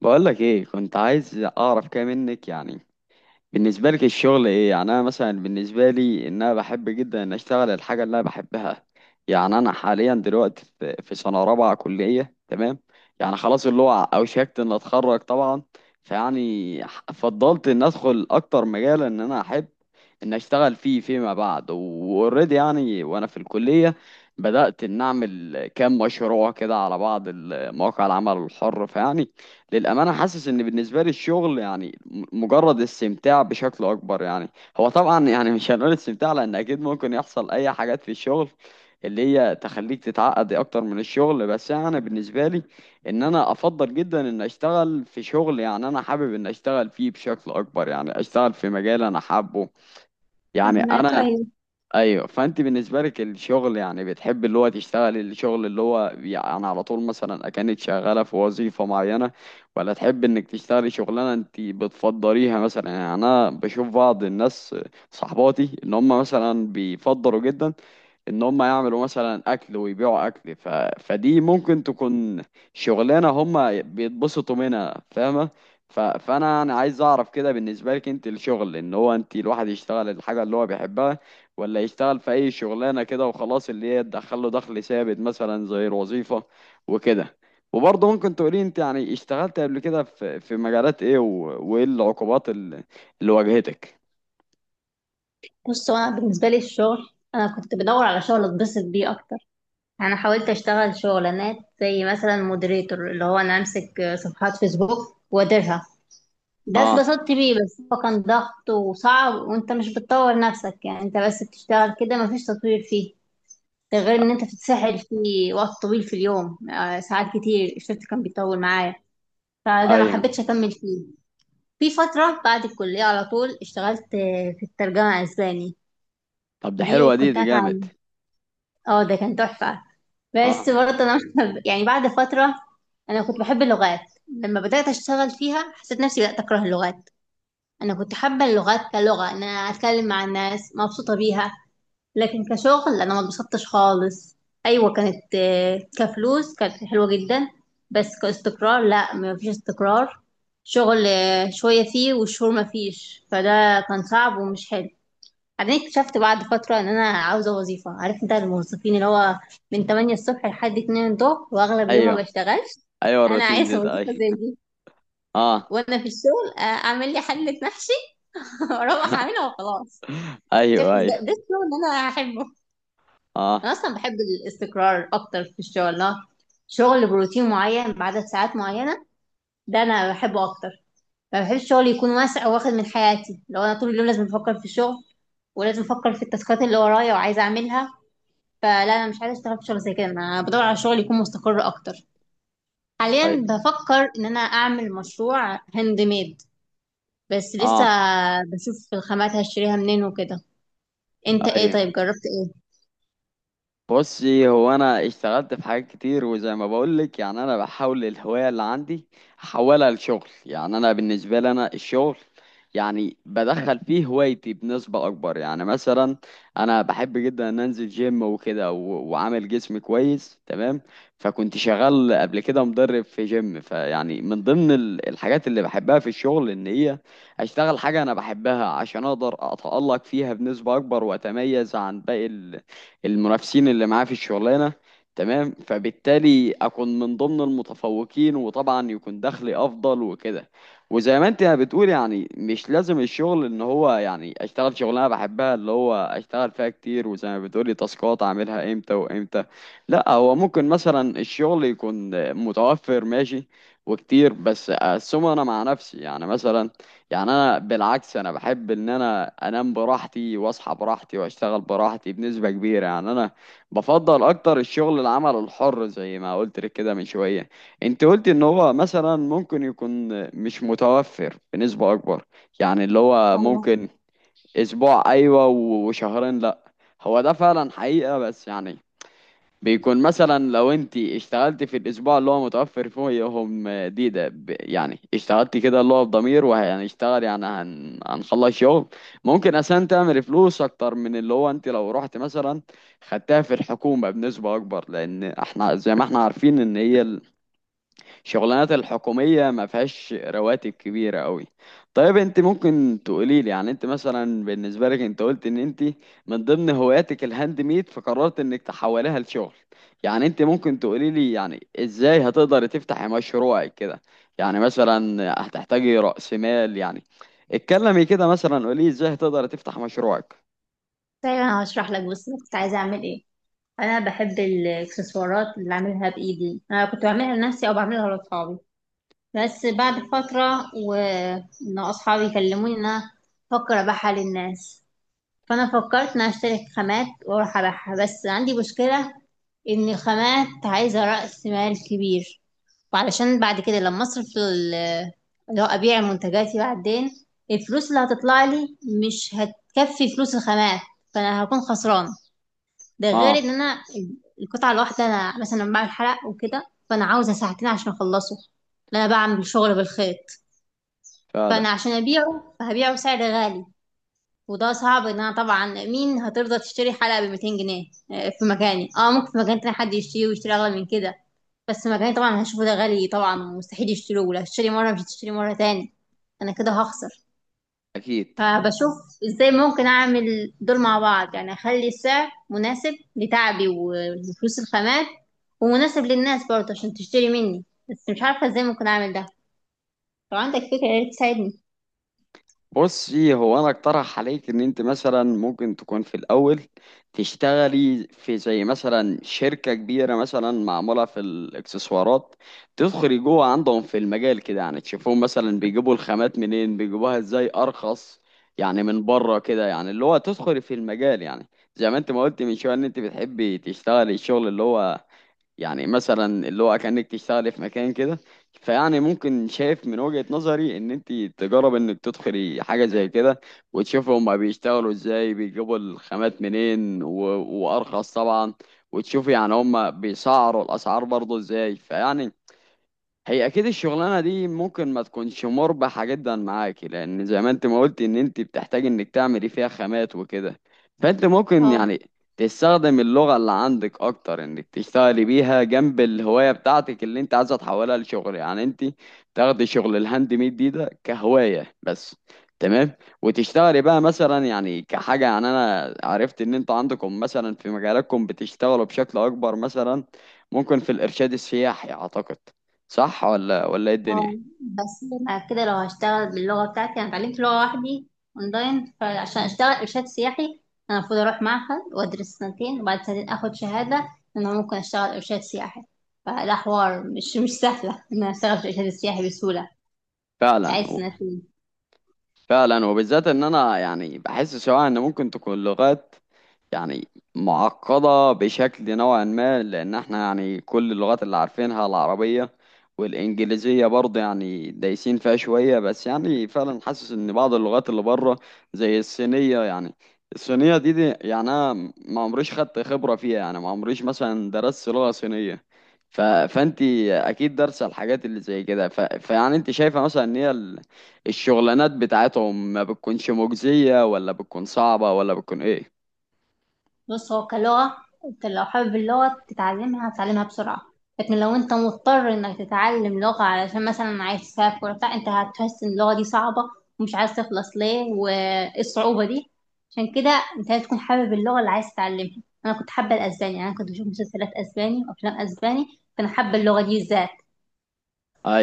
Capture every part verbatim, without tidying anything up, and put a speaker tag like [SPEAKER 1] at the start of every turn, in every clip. [SPEAKER 1] بقولك ايه كنت عايز اعرف كده منك يعني. بالنسبه لك الشغل ايه؟ يعني انا مثلا بالنسبه لي ان انا بحب جدا ان اشتغل الحاجه اللي انا بحبها. يعني انا حاليا دلوقتي في في سنه رابعه كليه، تمام. يعني خلاص اللي هو اوشكت ان اتخرج طبعا. فيعني ح- فضلت ان ادخل اكتر مجال ان انا احب ان اشتغل فيه فيما بعد واوريدي، يعني وانا في الكليه بدات ان اعمل كام مشروع كده على بعض مواقع العمل الحر. فيعني للأمانة حاسس إن بالنسبة لي الشغل يعني م- مجرد استمتاع بشكل أكبر. يعني هو طبعا يعني مش هنقول استمتاع، لأن أكيد ممكن يحصل أي حاجات في الشغل اللي هي تخليك تتعقد أكتر من الشغل. بس أنا بالنسبة لي إن أنا أفضل جدا إن أشتغل في شغل، يعني أنا حابب إن أشتغل فيه بشكل أكبر، يعني أشتغل في مجال أنا حابه. يعني
[SPEAKER 2] فهماك،
[SPEAKER 1] أنا
[SPEAKER 2] ايوه.
[SPEAKER 1] ايوه. فانت بالنسبه لك الشغل يعني بتحب اللي هو تشتغل الشغل اللي هو يعني على طول، مثلا اكنت شغاله في وظيفه معينه، ولا تحب انك تشتغلي شغلانه انت بتفضليها؟ مثلا يعني انا بشوف بعض الناس صحباتي ان هم مثلا بيفضلوا جدا ان هم يعملوا مثلا اكل ويبيعوا اكل. ف... فدي ممكن تكون شغلانه هم بيتبسطوا منها، فاهمه. ف... فانا يعني عايز اعرف كده بالنسبه لك انت، الشغل ان هو انت الواحد يشتغل الحاجه اللي هو بيحبها، ولا يشتغل في اي شغلانه كده وخلاص اللي هي تدخل له دخل ثابت مثلا زي الوظيفه وكده. وبرضه ممكن تقولي انت يعني اشتغلت قبل كده في في مجالات ايه، و- وايه العقوبات ال- اللي واجهتك؟
[SPEAKER 2] بص، هو انا بالنسبه لي الشغل، انا كنت بدور على شغل اتبسط بيه اكتر. انا حاولت اشتغل شغلانات زي مثلا مودريتور، اللي هو انا امسك صفحات فيسبوك واديرها. ده
[SPEAKER 1] اه،
[SPEAKER 2] اتبسطت بيه، بس هو كان ضغط وصعب وانت مش بتطور نفسك، يعني انت بس بتشتغل كده، مفيش تطوير فيه. ده غير ان انت بتتسحل فيه وقت طويل في اليوم، آه، ساعات كتير الشفت كان بيطول معايا. فده ما
[SPEAKER 1] ايوه.
[SPEAKER 2] حبيتش اكمل فيه. في فتره بعد الكليه على طول اشتغلت، آه، في الترجمه اسباني.
[SPEAKER 1] طب ده
[SPEAKER 2] دي
[SPEAKER 1] حلوه، دي
[SPEAKER 2] كنت
[SPEAKER 1] دي جامد.
[SPEAKER 2] هتعلم. اه، ده كان تحفة.
[SPEAKER 1] اه،
[SPEAKER 2] بس برضه انا يعني بعد فترة، انا كنت بحب اللغات. لما بدأت اشتغل فيها حسيت نفسي بدأت اكره اللغات. انا كنت حابة اللغات كلغة، ان انا اتكلم مع الناس مبسوطة بيها، لكن كشغل انا ما اتبسطتش خالص. ايوه، كانت، آه، كفلوس كانت حلوة جدا، بس كاستقرار لا، ما فيش استقرار. شغل، آه، شوية فيه والشهور ما فيش، فده كان صعب ومش حلو. بعدين اكتشفت بعد فترة ان انا عاوزة وظيفة. عارف انت الموظفين اللي هو من تمانية الصبح لحد اتنين الظهر واغلب اليوم ما
[SPEAKER 1] ايوه
[SPEAKER 2] بشتغلش.
[SPEAKER 1] ايوه
[SPEAKER 2] انا
[SPEAKER 1] الروتين، ده
[SPEAKER 2] عايزة
[SPEAKER 1] ده،
[SPEAKER 2] وظيفة زي
[SPEAKER 1] ايوه.
[SPEAKER 2] دي،
[SPEAKER 1] اه،
[SPEAKER 2] وانا في الشغل، آه، اعمل لي حلة محشي واروح اعملها وخلاص. اكتشفت
[SPEAKER 1] ايوه
[SPEAKER 2] ان ده,
[SPEAKER 1] ايوه.
[SPEAKER 2] ده الشغل اللي انا هحبه.
[SPEAKER 1] اه،
[SPEAKER 2] انا اصلا بحب الاستقرار اكتر في الشغل. لا، شغل بروتين معين بعدد ساعات معينة، ده انا بحبه اكتر. ما بحبش الشغل يكون واسع واخد من حياتي، لو انا طول اليوم لازم افكر في الشغل ولازم افكر في التاسكات اللي ورايا وعايزه اعملها. فلا، انا مش عايزه اشتغل في شغل زي كده، انا بدور على شغل يكون مستقر اكتر.
[SPEAKER 1] طيب.
[SPEAKER 2] حاليا بفكر ان انا اعمل مشروع هاند ميد، بس لسه
[SPEAKER 1] اه،
[SPEAKER 2] بشوف الخامات هشتريها منين وكده. انت ايه؟
[SPEAKER 1] ايوه.
[SPEAKER 2] طيب جربت ايه؟
[SPEAKER 1] بصي هو انا اشتغلت في حاجات كتير، وزي ما بقولك يعني انا بحاول الهواية اللي عندي احولها لشغل. يعني انا بالنسبة لي انا الشغل يعني بدخل فيه هوايتي بنسبة اكبر. يعني مثلا انا بحب جدا ان انزل جيم وكده و- وعامل جسم كويس، تمام. فكنت شغال قبل كده مدرب في جيم. فيعني من ضمن ال- الحاجات اللي بحبها في الشغل ان هي اشتغل حاجة انا بحبها عشان اقدر اتألق فيها بنسبة اكبر واتميز عن باقي المنافسين اللي معاه في الشغلانة، تمام. فبالتالي أكون من ضمن المتفوقين، وطبعا يكون دخلي أفضل وكده. وزي ما أنت بتقول يعني مش لازم الشغل إن هو يعني أشتغل شغلانة بحبها اللي هو أشتغل فيها كتير، وزي ما بتقولي تاسكات أعملها إمتى وإمتى. لا، هو ممكن مثلا الشغل يكون متوفر، ماشي وكتير، بس أقسمه أنا مع نفسي يعني مثلا. يعني انا بالعكس انا بحب ان انا انام براحتي واصحى براحتي واشتغل براحتي بنسبة كبيرة. يعني انا بفضل اكتر الشغل العمل الحر زي ما قلت لك كده من شوية. انت قلت ان هو مثلا ممكن يكون مش متوفر بنسبة اكبر، يعني اللي هو
[SPEAKER 2] ايوه.
[SPEAKER 1] ممكن اسبوع ايوه و- وشهرين لا. هو ده فعلا حقيقة، بس يعني بيكون مثلا لو انت اشتغلت في الاسبوع اللي هو متوفر فيهم دي ده ب- يعني اشتغلت كده اللي هو بضمير وهنشتغل، يعني هن... هنخلص شغل، ممكن عشان تعمل فلوس اكتر من اللي هو انت لو رحت مثلا خدتها في الحكومة بنسبة اكبر، لان احنا زي ما احنا عارفين ان هي الشغلانات الحكومية ما فيهاش رواتب كبيرة قوي. طيب انت ممكن تقولي لي يعني انت مثلا بالنسبة لك انت قلت ان انت من ضمن هواياتك الهاند ميد، فقررت انك تحولها لشغل. يعني انت ممكن تقولي لي يعني ازاي هتقدر تفتحي مشروعك كده؟ يعني مثلا هتحتاجي رأس مال يعني؟ اتكلمي كده مثلا، قولي ازاي هتقدر تفتح مشروعك.
[SPEAKER 2] طيب انا هشرح لك بس أنا كنت عايزه اعمل ايه. انا بحب الاكسسوارات اللي اعملها بايدي. انا كنت بعملها لنفسي او بعملها لاصحابي، بس بعد فتره وان اصحابي يكلموني ان انا افكر ابيعها للناس. فانا فكرت ان اشتري خامات واروح ابيعها، بس عندي مشكله ان الخامات عايزه راس مال كبير، وعلشان بعد كده لما اصرف ال- اللي هو ابيع منتجاتي بعدين، الفلوس اللي هتطلع لي مش هتكفي فلوس الخامات، فانا هكون خسران. ده غير
[SPEAKER 1] اه.
[SPEAKER 2] ان انا القطعه الواحده، انا مثلا لما بعمل حلق وكده فانا عاوزه ساعتين عشان اخلصه، لأن انا بعمل شغل بالخيط.
[SPEAKER 1] فعلا.
[SPEAKER 2] فانا عشان ابيعه فهبيعه بسعر غالي، وده صعب. ان انا طبعا مين هترضى تشتري حلقة ب مئتين جنيه؟ آه، في مكاني، اه، ممكن في مكان تاني حد يشتري، ويشتري اغلى من كده، بس مكاني طبعا هشوفه ده غالي طبعا ومستحيل يشتروه. لو هتشتري مرة مش هتشتري مرة تاني، انا كده هخسر.
[SPEAKER 1] اكيد.
[SPEAKER 2] فبشوف ازاي ممكن اعمل دول مع بعض، يعني اخلي السعر مناسب لتعبي وفلوس الخامات ومناسب للناس برضه عشان تشتري مني، بس مش عارفة ازاي ممكن اعمل ده. لو عندك فكرة يا ريت تساعدني.
[SPEAKER 1] بصي هو انا اقترح عليك ان انت مثلا ممكن تكون في الاول تشتغلي في زي مثلا شركة كبيرة مثلا معمولة في الاكسسوارات. تدخلي جوه عندهم في المجال كده، يعني تشوفهم مثلا بيجيبوا الخامات منين، بيجيبوها ازاي ارخص يعني من بره كده. يعني اللي هو تدخلي في المجال يعني زي ما انت ما قلت من شوية ان انت بتحبي تشتغلي الشغل اللي هو يعني مثلا اللي هو كأنك تشتغلي في مكان كده. فيعني ممكن، شايف من وجهة نظري ان انت تجرب انك تدخلي حاجة زي كده، وتشوفي هما بيشتغلوا ازاي، بيجيبوا الخامات منين و... وارخص طبعا، وتشوفي يعني هما بيسعروا الاسعار برضه ازاي. فيعني هي اكيد الشغلانه دي ممكن ما تكونش مربحه جدا معاكي، لان زي ما انت ما قلت ان انت بتحتاج انك تعملي فيها خامات وكده. فانت ممكن
[SPEAKER 2] اه.
[SPEAKER 1] يعني تستخدم اللغه اللي عندك اكتر انك تشتغلي بيها جنب الهوايه بتاعتك اللي انت عايزه تحولها لشغل. يعني انت تاخدي شغل الهاند ميد دي ده كهوايه بس، تمام. وتشتغلي بقى مثلا يعني كحاجه، يعني انا عرفت ان انت عندكم مثلا في مجالكم بتشتغلوا بشكل اكبر، مثلا ممكن في الارشاد السياحي اعتقد. صح، ولا ولا ايه
[SPEAKER 2] اه،
[SPEAKER 1] الدنيا؟
[SPEAKER 2] بس انا كده لو هشتغل باللغه بتاعتي، انا اتعلمت لغه وحدي اونلاين، فعشان اشتغل ارشاد سياحي انا المفروض اروح معهد وادرس سنتين وبعد سنتين اخد شهاده ان انا ممكن اشتغل ارشاد سياحي. فده حوار مش مش سهله ان انا اشتغل في الارشاد السياحي بسهوله.
[SPEAKER 1] فعلا.
[SPEAKER 2] عايز سنتين.
[SPEAKER 1] فعلا وبالذات ان انا يعني بحس سواء ان ممكن تكون لغات يعني معقدة بشكل نوعا ما، لان احنا يعني كل اللغات اللي عارفينها العربية والانجليزية برضه يعني دايسين فيها شوية. بس يعني فعلا حاسس ان بعض اللغات اللي بره زي الصينية يعني، الصينية دي, دي يعني انا ما عمريش خدت خبرة فيها، يعني ما عمريش مثلا درست لغة صينية. ف... فانت اكيد دارسة الحاجات اللي زي كده. ف... فيعني انت شايفة مثلا ان هي الشغلانات بتاعتهم ما بتكونش مجزية، ولا بتكون صعبة، ولا بتكون ايه؟
[SPEAKER 2] بص، هو كلغة انت لو حابب اللغة تتعلمها هتتعلمها بسرعة، لكن لو انت مضطر انك تتعلم لغة علشان مثلا عايز تسافر بتاع، انت هتحس ان اللغة دي صعبة ومش عايز تخلص ليه وايه الصعوبة دي. عشان كده انت لازم تكون حابب اللغة اللي عايز تتعلمها. انا كنت حابة الاسباني، يعني انا كنت بشوف مسلسلات اسباني وافلام اسباني، فانا حابة اللغة دي ازاي.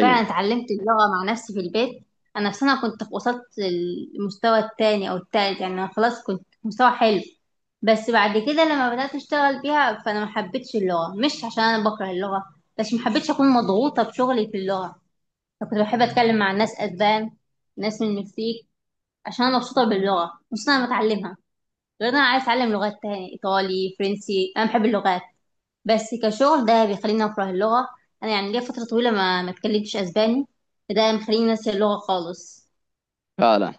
[SPEAKER 2] فعلا اتعلمت اللغة مع نفسي في البيت. أنا في سنة كنت وصلت للمستوى التاني أو التالت، يعني أنا خلاص كنت في مستوى حلو. بس بعد كده لما بدأت أشتغل بيها فأنا محبتش اللغة. مش عشان أنا بكره اللغة، بس محبتش أكون مضغوطة بشغلي في اللغة. أنا كنت بحب أتكلم مع ناس أسبان، ناس من المكسيك، عشان أنا مبسوطة باللغة، مبسوطة أنا بتعلمها. غير إن أنا عايز أتعلم لغات تاني، إيطالي فرنسي. أنا بحب اللغات، بس كشغل ده بيخليني أكره اللغة. أنا يعني ليا فترة طويلة ما ما اتكلمتش أسباني، فده مخليني ناسية اللغة خالص.
[SPEAKER 1] فعلا.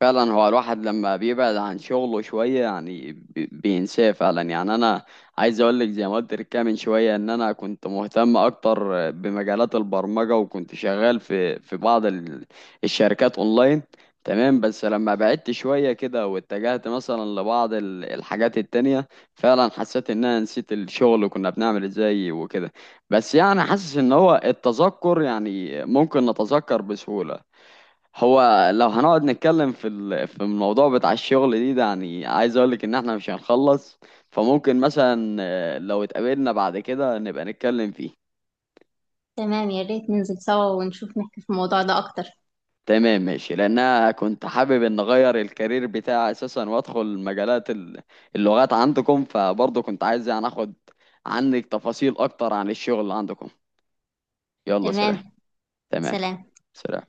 [SPEAKER 1] فعلا هو الواحد لما بيبعد عن شغله شوية يعني بي- بينساه فعلا. يعني أنا عايز أقول لك زي ما قلت لك كده من شوية إن أنا كنت مهتم أكتر بمجالات البرمجة، وكنت شغال في في بعض ال- الشركات أونلاين، تمام. بس لما بعدت شوية كده واتجهت مثلا لبعض ال- الحاجات التانية، فعلا حسيت إن أنا نسيت الشغل كنا بنعمل إزاي وكده. بس يعني حاسس إن هو التذكر يعني ممكن نتذكر بسهولة. هو لو هنقعد نتكلم في ال- في الموضوع بتاع الشغل دي ده، يعني عايز اقولك ان احنا مش هنخلص. فممكن مثلا آه، لو اتقابلنا بعد كده نبقى نتكلم فيه.
[SPEAKER 2] تمام، يا ريت ننزل سوا ونشوف نحكي في الموضوع ده أكتر.
[SPEAKER 1] تمام، ماشي، لان انا كنت حابب ان اغير الكارير بتاعي اساسا وادخل مجالات ال- اللغات عندكم. فبرضه كنت عايز يعني اخد عنك تفاصيل اكتر عن الشغل عندكم. يلا، سلام.
[SPEAKER 2] تمام.
[SPEAKER 1] تمام.
[SPEAKER 2] سلام.
[SPEAKER 1] سلام.